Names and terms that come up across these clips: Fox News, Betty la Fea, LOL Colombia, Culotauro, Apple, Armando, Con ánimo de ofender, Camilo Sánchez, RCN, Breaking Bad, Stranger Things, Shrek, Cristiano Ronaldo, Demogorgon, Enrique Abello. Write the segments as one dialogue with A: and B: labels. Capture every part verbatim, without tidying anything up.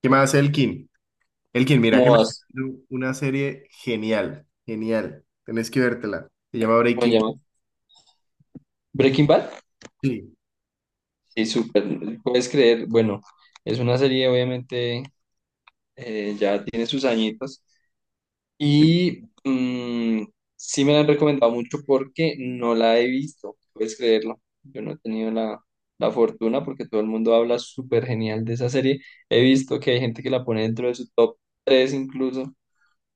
A: ¿Qué más, Elkin? Elkin, mira
B: ¿Cómo
A: que me estoy
B: vas?
A: viendo una serie genial, genial. Tenés que vértela. Se llama
B: ¿Cómo se
A: Breaking Bad.
B: llama? Breaking Bad.
A: Sí,
B: Sí, súper. Puedes creer, bueno, es una serie, obviamente, eh, ya tiene sus añitos. Y mm, sí me la han recomendado mucho porque no la he visto. Puedes creerlo. Yo no he tenido la, la fortuna porque todo el mundo habla súper genial de esa serie. He visto que hay gente que la pone dentro de su top tres incluso,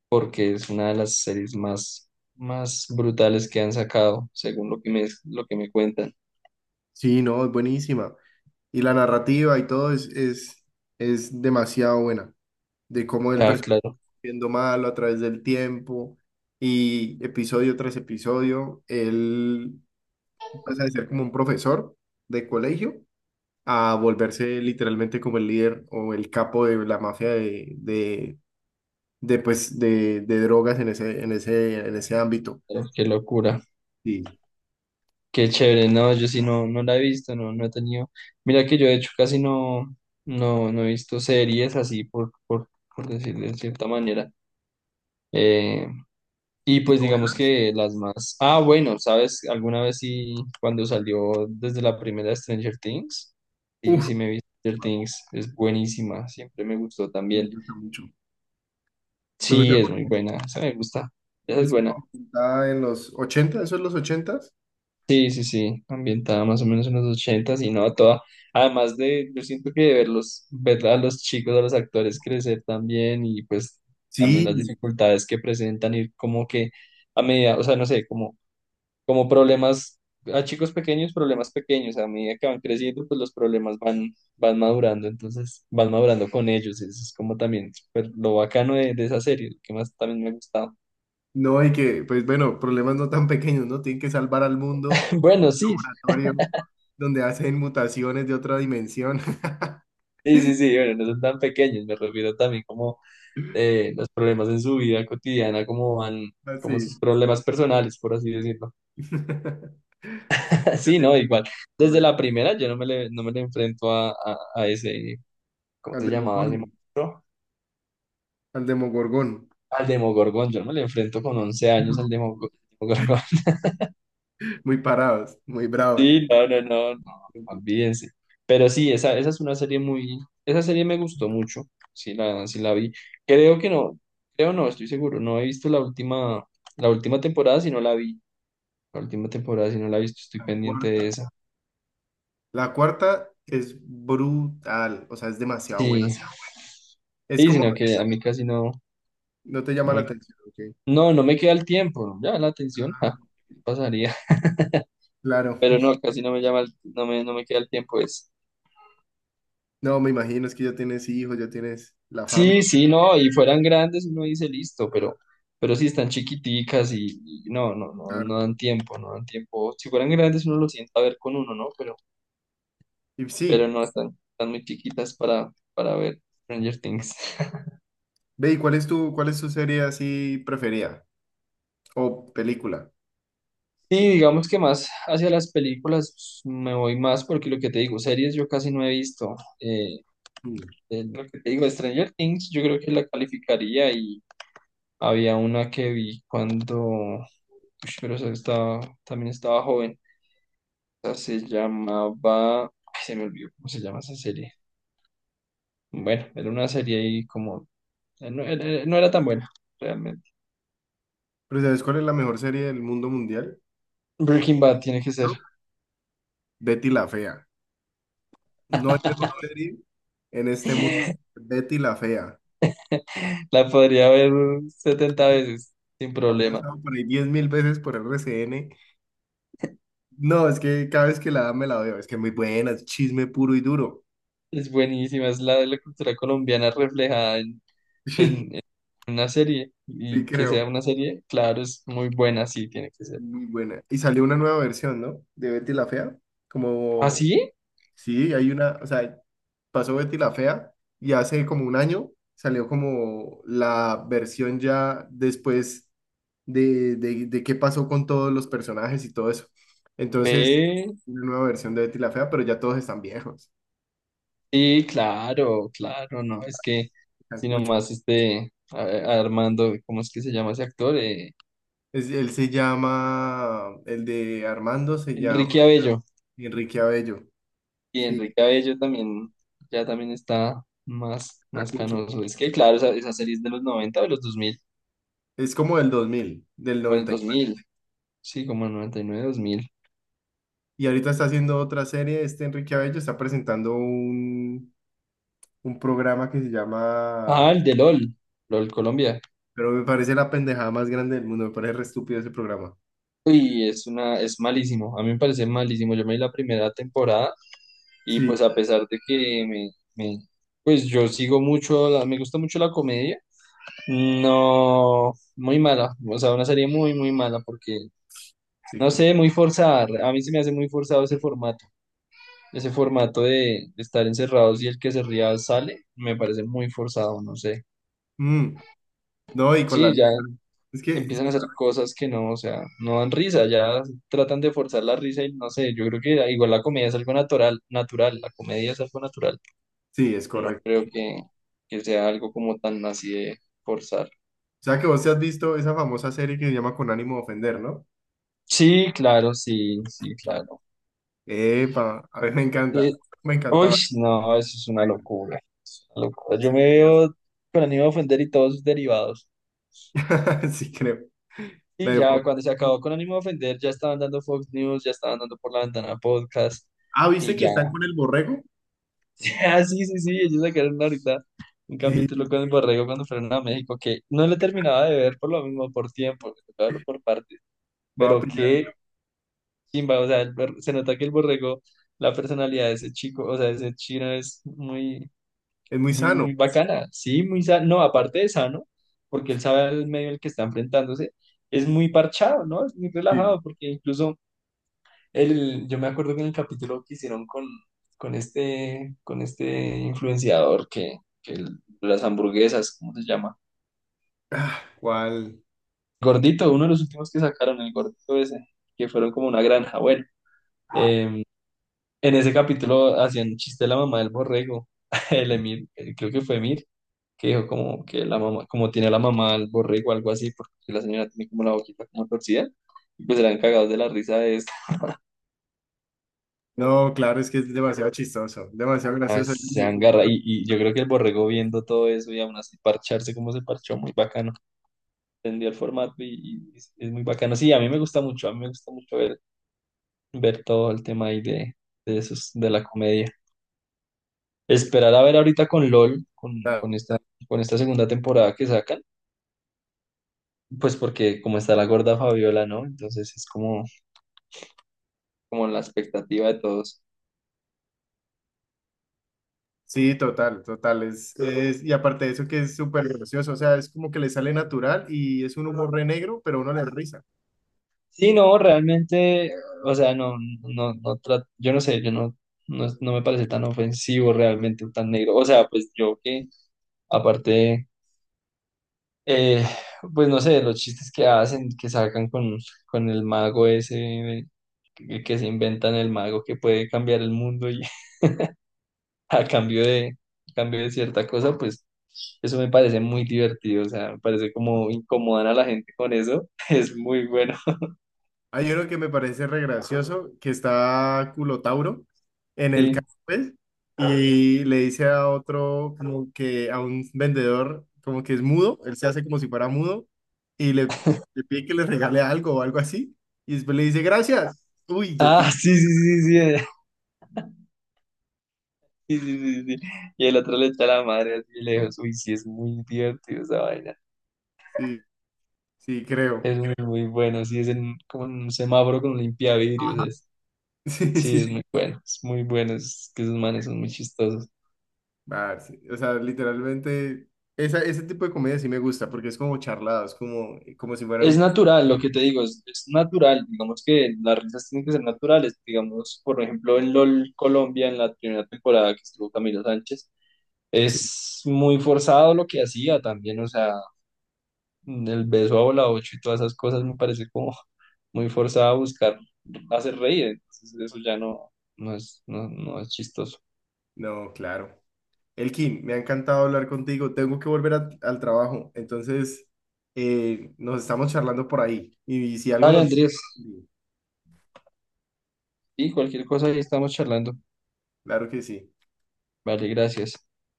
B: porque es una de las series más, más brutales que han sacado, según lo que me, lo que me cuentan.
A: sí, no, es buenísima. Y la narrativa y todo es, es, es demasiado buena. De cómo el
B: Ya,
A: personaje
B: claro.
A: va siendo malo a través del tiempo y episodio tras episodio, él pasa de ser como un profesor de colegio a volverse literalmente como el líder o el capo de la mafia de, de, pues, de, de drogas en ese, en ese, en ese ámbito.
B: Pero qué locura,
A: Sí.
B: qué chévere, no, yo sí no, no la he visto, no, no he tenido, mira que yo de hecho casi no, no, no he visto series así por, por, por decirlo de cierta manera. Eh, y
A: Y
B: pues digamos
A: novelas,
B: que las más, ah, bueno, sabes, alguna vez sí, cuando salió desde la primera Stranger Things, sí,
A: uf,
B: sí me vi
A: se
B: Stranger
A: va,
B: Things, es buenísima, siempre me gustó
A: me
B: también,
A: gusta mucho. Me gusta
B: sí, es muy
A: porque
B: buena, esa me gusta, esa es
A: es una
B: buena.
A: ambientada en los ochenta. ¿Eso es los ochenta?
B: Sí, sí, sí, ambientada más o menos en los ochentas y no toda. Además de, yo siento que verlos, ver a los chicos, a los actores crecer también y pues también las
A: Sí,
B: dificultades que presentan y como que a medida, o sea, no sé, como, como problemas, a chicos pequeños, problemas pequeños, a medida que van creciendo, pues los problemas van, van madurando, entonces van madurando con ellos, eso es como también súper lo bacano de, de esa serie, lo que más también me ha gustado.
A: no, y que, pues bueno, problemas no tan pequeños, ¿no? Tienen que salvar al mundo, un
B: Bueno, sí,
A: laboratorio donde hacen mutaciones de otra dimensión.
B: sí, sí, sí, bueno, no son tan pequeños, me refiero también como eh, los problemas en su vida cotidiana, como van, como
A: Así.
B: sus problemas personales, por así decirlo.
A: Y que
B: Sí,
A: hacen
B: no,
A: bu-
B: igual.
A: ¿No
B: Desde
A: ves?
B: la primera yo no me le, no me le enfrento a, a, a ese, ¿cómo
A: Al
B: se llamaba ese
A: Demogorgon.
B: monstruo?
A: Al Demogorgon.
B: Al Demogorgon, yo no me le enfrento con once años al Demogor- Demogorgon.
A: Muy parados, muy bravos.
B: Sí, no, no, no, no,
A: Ok.
B: olvídense. Pero sí, esa, esa es una serie muy, esa serie me gustó mucho, sí la, sí la vi. Creo que no, creo no, estoy seguro, no he visto la última, la última temporada, si no la vi. La última temporada, si no la he visto, estoy
A: La
B: pendiente de
A: cuarta.
B: esa.
A: La cuarta es brutal, o sea, es demasiado
B: Sí,
A: buena. Es
B: sí,
A: como,
B: sino que a mí casi no,
A: no te
B: no
A: llama la
B: me,
A: atención, ¿ok?
B: no, no me queda el tiempo. Ya la atención, ja, pasaría.
A: Claro.
B: Pero no, casi no me llama, el- no me, no me queda el tiempo. Es.
A: No, me imagino, es que ya tienes hijos, ya tienes la familia,
B: Sí, sí, no, y fueran grandes, uno dice listo, pero, pero sí están chiquiticas y, y no, no, no,
A: claro.
B: no dan tiempo, no dan tiempo. Si fueran grandes, uno lo sienta a ver con uno, ¿no? Pero,
A: Y
B: pero
A: sí,
B: no, están, están muy chiquitas para, para ver Stranger Things.
A: ve, ¿y cuál es tu, cuál es tu serie así preferida? O película.
B: Sí, digamos que más hacia las películas pues, me voy más porque lo que te digo, series yo casi no he visto. Eh,
A: Mm.
B: eh, lo que te digo, Stranger Things, yo creo que la calificaría y había una que vi cuando, ush, pero esa estaba, también estaba joven. Esa se llamaba, ay, se me olvidó cómo se llama esa serie. Bueno, era una serie y como, eh, no, era eh, no era tan buena, realmente.
A: Pero ¿sabes cuál es la mejor serie del mundo mundial?
B: Breaking Bad tiene que ser.
A: ¿No? Betty la Fea. No hay mejor serie en este mundo que Betty la Fea.
B: La podría ver setenta veces sin
A: La han
B: problema.
A: pasado por ahí diez mil veces por R C N. No, es que cada vez que la dan me la veo, es que es muy buena, es chisme puro y duro.
B: Es buenísima, es la de la cultura colombiana reflejada en,
A: Sí,
B: en- en una serie.
A: sí
B: Y que
A: creo,
B: sea una serie, claro, es muy buena, sí, tiene que ser.
A: muy buena. Y salió una nueva versión, ¿no? De Betty la Fea.
B: ¿Ah,
A: Como,
B: sí?
A: sí, hay una, o sea, pasó Betty la Fea y hace como un año salió como la versión ya después de, de, de qué pasó con todos los personajes y todo eso. Entonces,
B: Ve,
A: una nueva versión de Betty la Fea, pero ya todos están viejos,
B: sí, claro, claro, no, es que,
A: están
B: si
A: cuchos.
B: nomás este, a- a Armando, ¿cómo es que se llama ese actor? Eh,
A: Es- él se llama, el de Armando se llama
B: Enrique Abello.
A: Enrique Abello.
B: Y
A: Sí,
B: Enrique Abello también, ya también está más, más
A: cacucho.
B: canoso. Es que, claro, esa, esa serie es de los noventa o de los dos mil
A: Es como del dos mil, del
B: o en el
A: noventa Y
B: dos
A: nueve.
B: mil sí, como el noventa y nueve dos mil.
A: Y ahorita está haciendo otra serie, este Enrique Abello está presentando un, un programa que se
B: Ah,
A: llama,
B: el de LOL, LOL Colombia.
A: pero me parece la pendejada más grande del mundo, me parece re estúpido ese programa.
B: Uy, es una, es malísimo. A mí me parece malísimo. Yo me vi la primera temporada y pues
A: Sí,
B: a pesar de que me, me- pues yo sigo mucho, la- me gusta mucho la comedia. No, muy mala. O sea, una serie muy, muy mala porque,
A: sí,
B: no
A: creo.
B: sé, muy forzada. A mí se me hace muy forzado ese formato. Ese formato de, de estar encerrados y el que se ría sale, me parece muy forzado, no sé.
A: Mm, no, y con la...
B: Sí,
A: li-
B: ya.
A: Es que, sí,
B: Empiezan a hacer cosas que no, o sea, no dan risa, ya tratan de forzar la risa y no sé, yo creo que igual la comedia es algo natural, natural, la comedia es algo natural,
A: sí, es
B: no
A: correcto.
B: creo que, que sea algo como tan así de forzar.
A: O sea que vos te has visto esa famosa serie que se llama Con ánimo de ofender, ¿no?
B: Sí, claro, sí, sí, claro.
A: Epa, a mí me encanta,
B: Eh,
A: me
B: uy,
A: encantaba.
B: no, eso es una locura, una locura. Yo
A: Se
B: me
A: murió.
B: veo con ánimo de ofender y todos sus derivados.
A: Sí, creo.
B: Y
A: La de
B: ya
A: Fox.
B: cuando se acabó con ánimo de ofender, ya estaban dando Fox News, ya estaban dando por la ventana podcast
A: Ah, ¿viste
B: y
A: que
B: ya.
A: están con el borrego?
B: Ah, sí, sí, sí, ellos sacaron ahorita un capítulo
A: Sí,
B: con el Borrego cuando fueron a México, que no lo terminaba de ver por lo mismo, por tiempo, me tocaba verlo por partes,
A: va a
B: pero
A: pillar
B: qué
A: esa.
B: chimba, o sea, el bor- se nota que el Borrego, la personalidad de ese chico, o sea, de ese chino es muy,
A: Es muy
B: muy,
A: sano.
B: muy bacana, sí, muy sano, no, aparte de sano, porque él sabe el medio al que está enfrentándose, es muy parchado, ¿no? Es muy
A: Sí.
B: relajado, porque incluso el, yo me acuerdo que en el capítulo que hicieron con, con este, con este influenciador que, que el- las hamburguesas, ¿cómo se llama?
A: ¿Cuál?
B: Gordito, uno de los últimos que sacaron, el gordito ese, que fueron como una granja. Bueno, eh, en ese capítulo hacían chiste de la mamá del borrego, el Emir, eh, creo que fue Emir, que dijo como que la mamá, como tiene la mamá al borrego, algo así, porque la señora tiene como la boquita como torcida, y pues eran cagados de la risa de eso.
A: No, claro, es que es demasiado chistoso, demasiado
B: No,
A: gracioso.
B: es- se agarra. Y, y yo creo que el borrego viendo todo eso y aún así parcharse como se parchó, muy bacano. Entendió el formato y, y es es muy bacano. Sí, a mí me gusta mucho, a mí me gusta mucho ver, ver todo el tema ahí de, de, esos, de la comedia. Esperar a ver ahorita con LOL, con, con esta, con esta segunda temporada que sacan, pues porque como está la gorda Fabiola, ¿no? Entonces es como, como la expectativa de todos.
A: Sí, total, total. Es, es, y aparte de eso que es súper gracioso, o sea, es como que le sale natural y es un humor re negro, pero uno le da risa.
B: Sí, no, realmente, o sea, no, no, no, tra- yo no sé, yo no, no, no me parece tan ofensivo realmente, tan negro. O sea, pues yo que, aparte, eh, pues no sé, los chistes que hacen, que sacan con, con, el mago ese, eh, que, que se inventan el mago que puede cambiar el mundo y a cambio de, a cambio de cierta cosa, pues eso me parece muy divertido, o sea, me parece como incomodan a la gente con eso, es muy bueno.
A: Hay uno que me parece re gracioso, que está Culotauro en el
B: Sí.
A: carro, pues, y le dice a otro, como que a un vendedor, como que es mudo, él se hace como si fuera mudo, y le, le pide que le regale algo o algo así, y después le dice, gracias. Uy, yo te...
B: Ah, sí, sí, sí, sí. Sí, sí, sí, sí. Y el otro le echa la madre así de lejos. Uy, sí, es muy divertido esa vaina.
A: Sí, creo.
B: Es muy, muy bueno. Sí, es en, como en un semáforo con limpiavidrios.
A: Ajá.
B: Es,
A: Sí,
B: sí,
A: sí.
B: es sí.
A: Sí.
B: Muy bueno. Es muy bueno. Es que esos manes son muy chistosos.
A: Ah, sí. O sea, literalmente, esa, ese tipo de comedia sí me gusta, porque es como charladas, como, como si fueran
B: Es
A: un...
B: natural, lo que te digo, es, es natural. Digamos que las risas tienen que ser naturales. Digamos, por ejemplo, en LOL Colombia, en la primera temporada que estuvo Camilo Sánchez,
A: Sí.
B: es muy forzado lo que hacía también. O sea, mm, El beso a bola ocho y todas esas cosas me parece como muy forzada a buscar hacer reír. Entonces eso ya no, no es, no, no es chistoso.
A: No, claro. Elkin, me ha encantado hablar contigo. Tengo que volver a- al trabajo, entonces eh, nos estamos charlando por ahí. Y, si algo
B: Dale,
A: nos...
B: Andrés. Y cualquier cosa ahí estamos charlando.
A: Claro que sí.
B: Vale, gracias.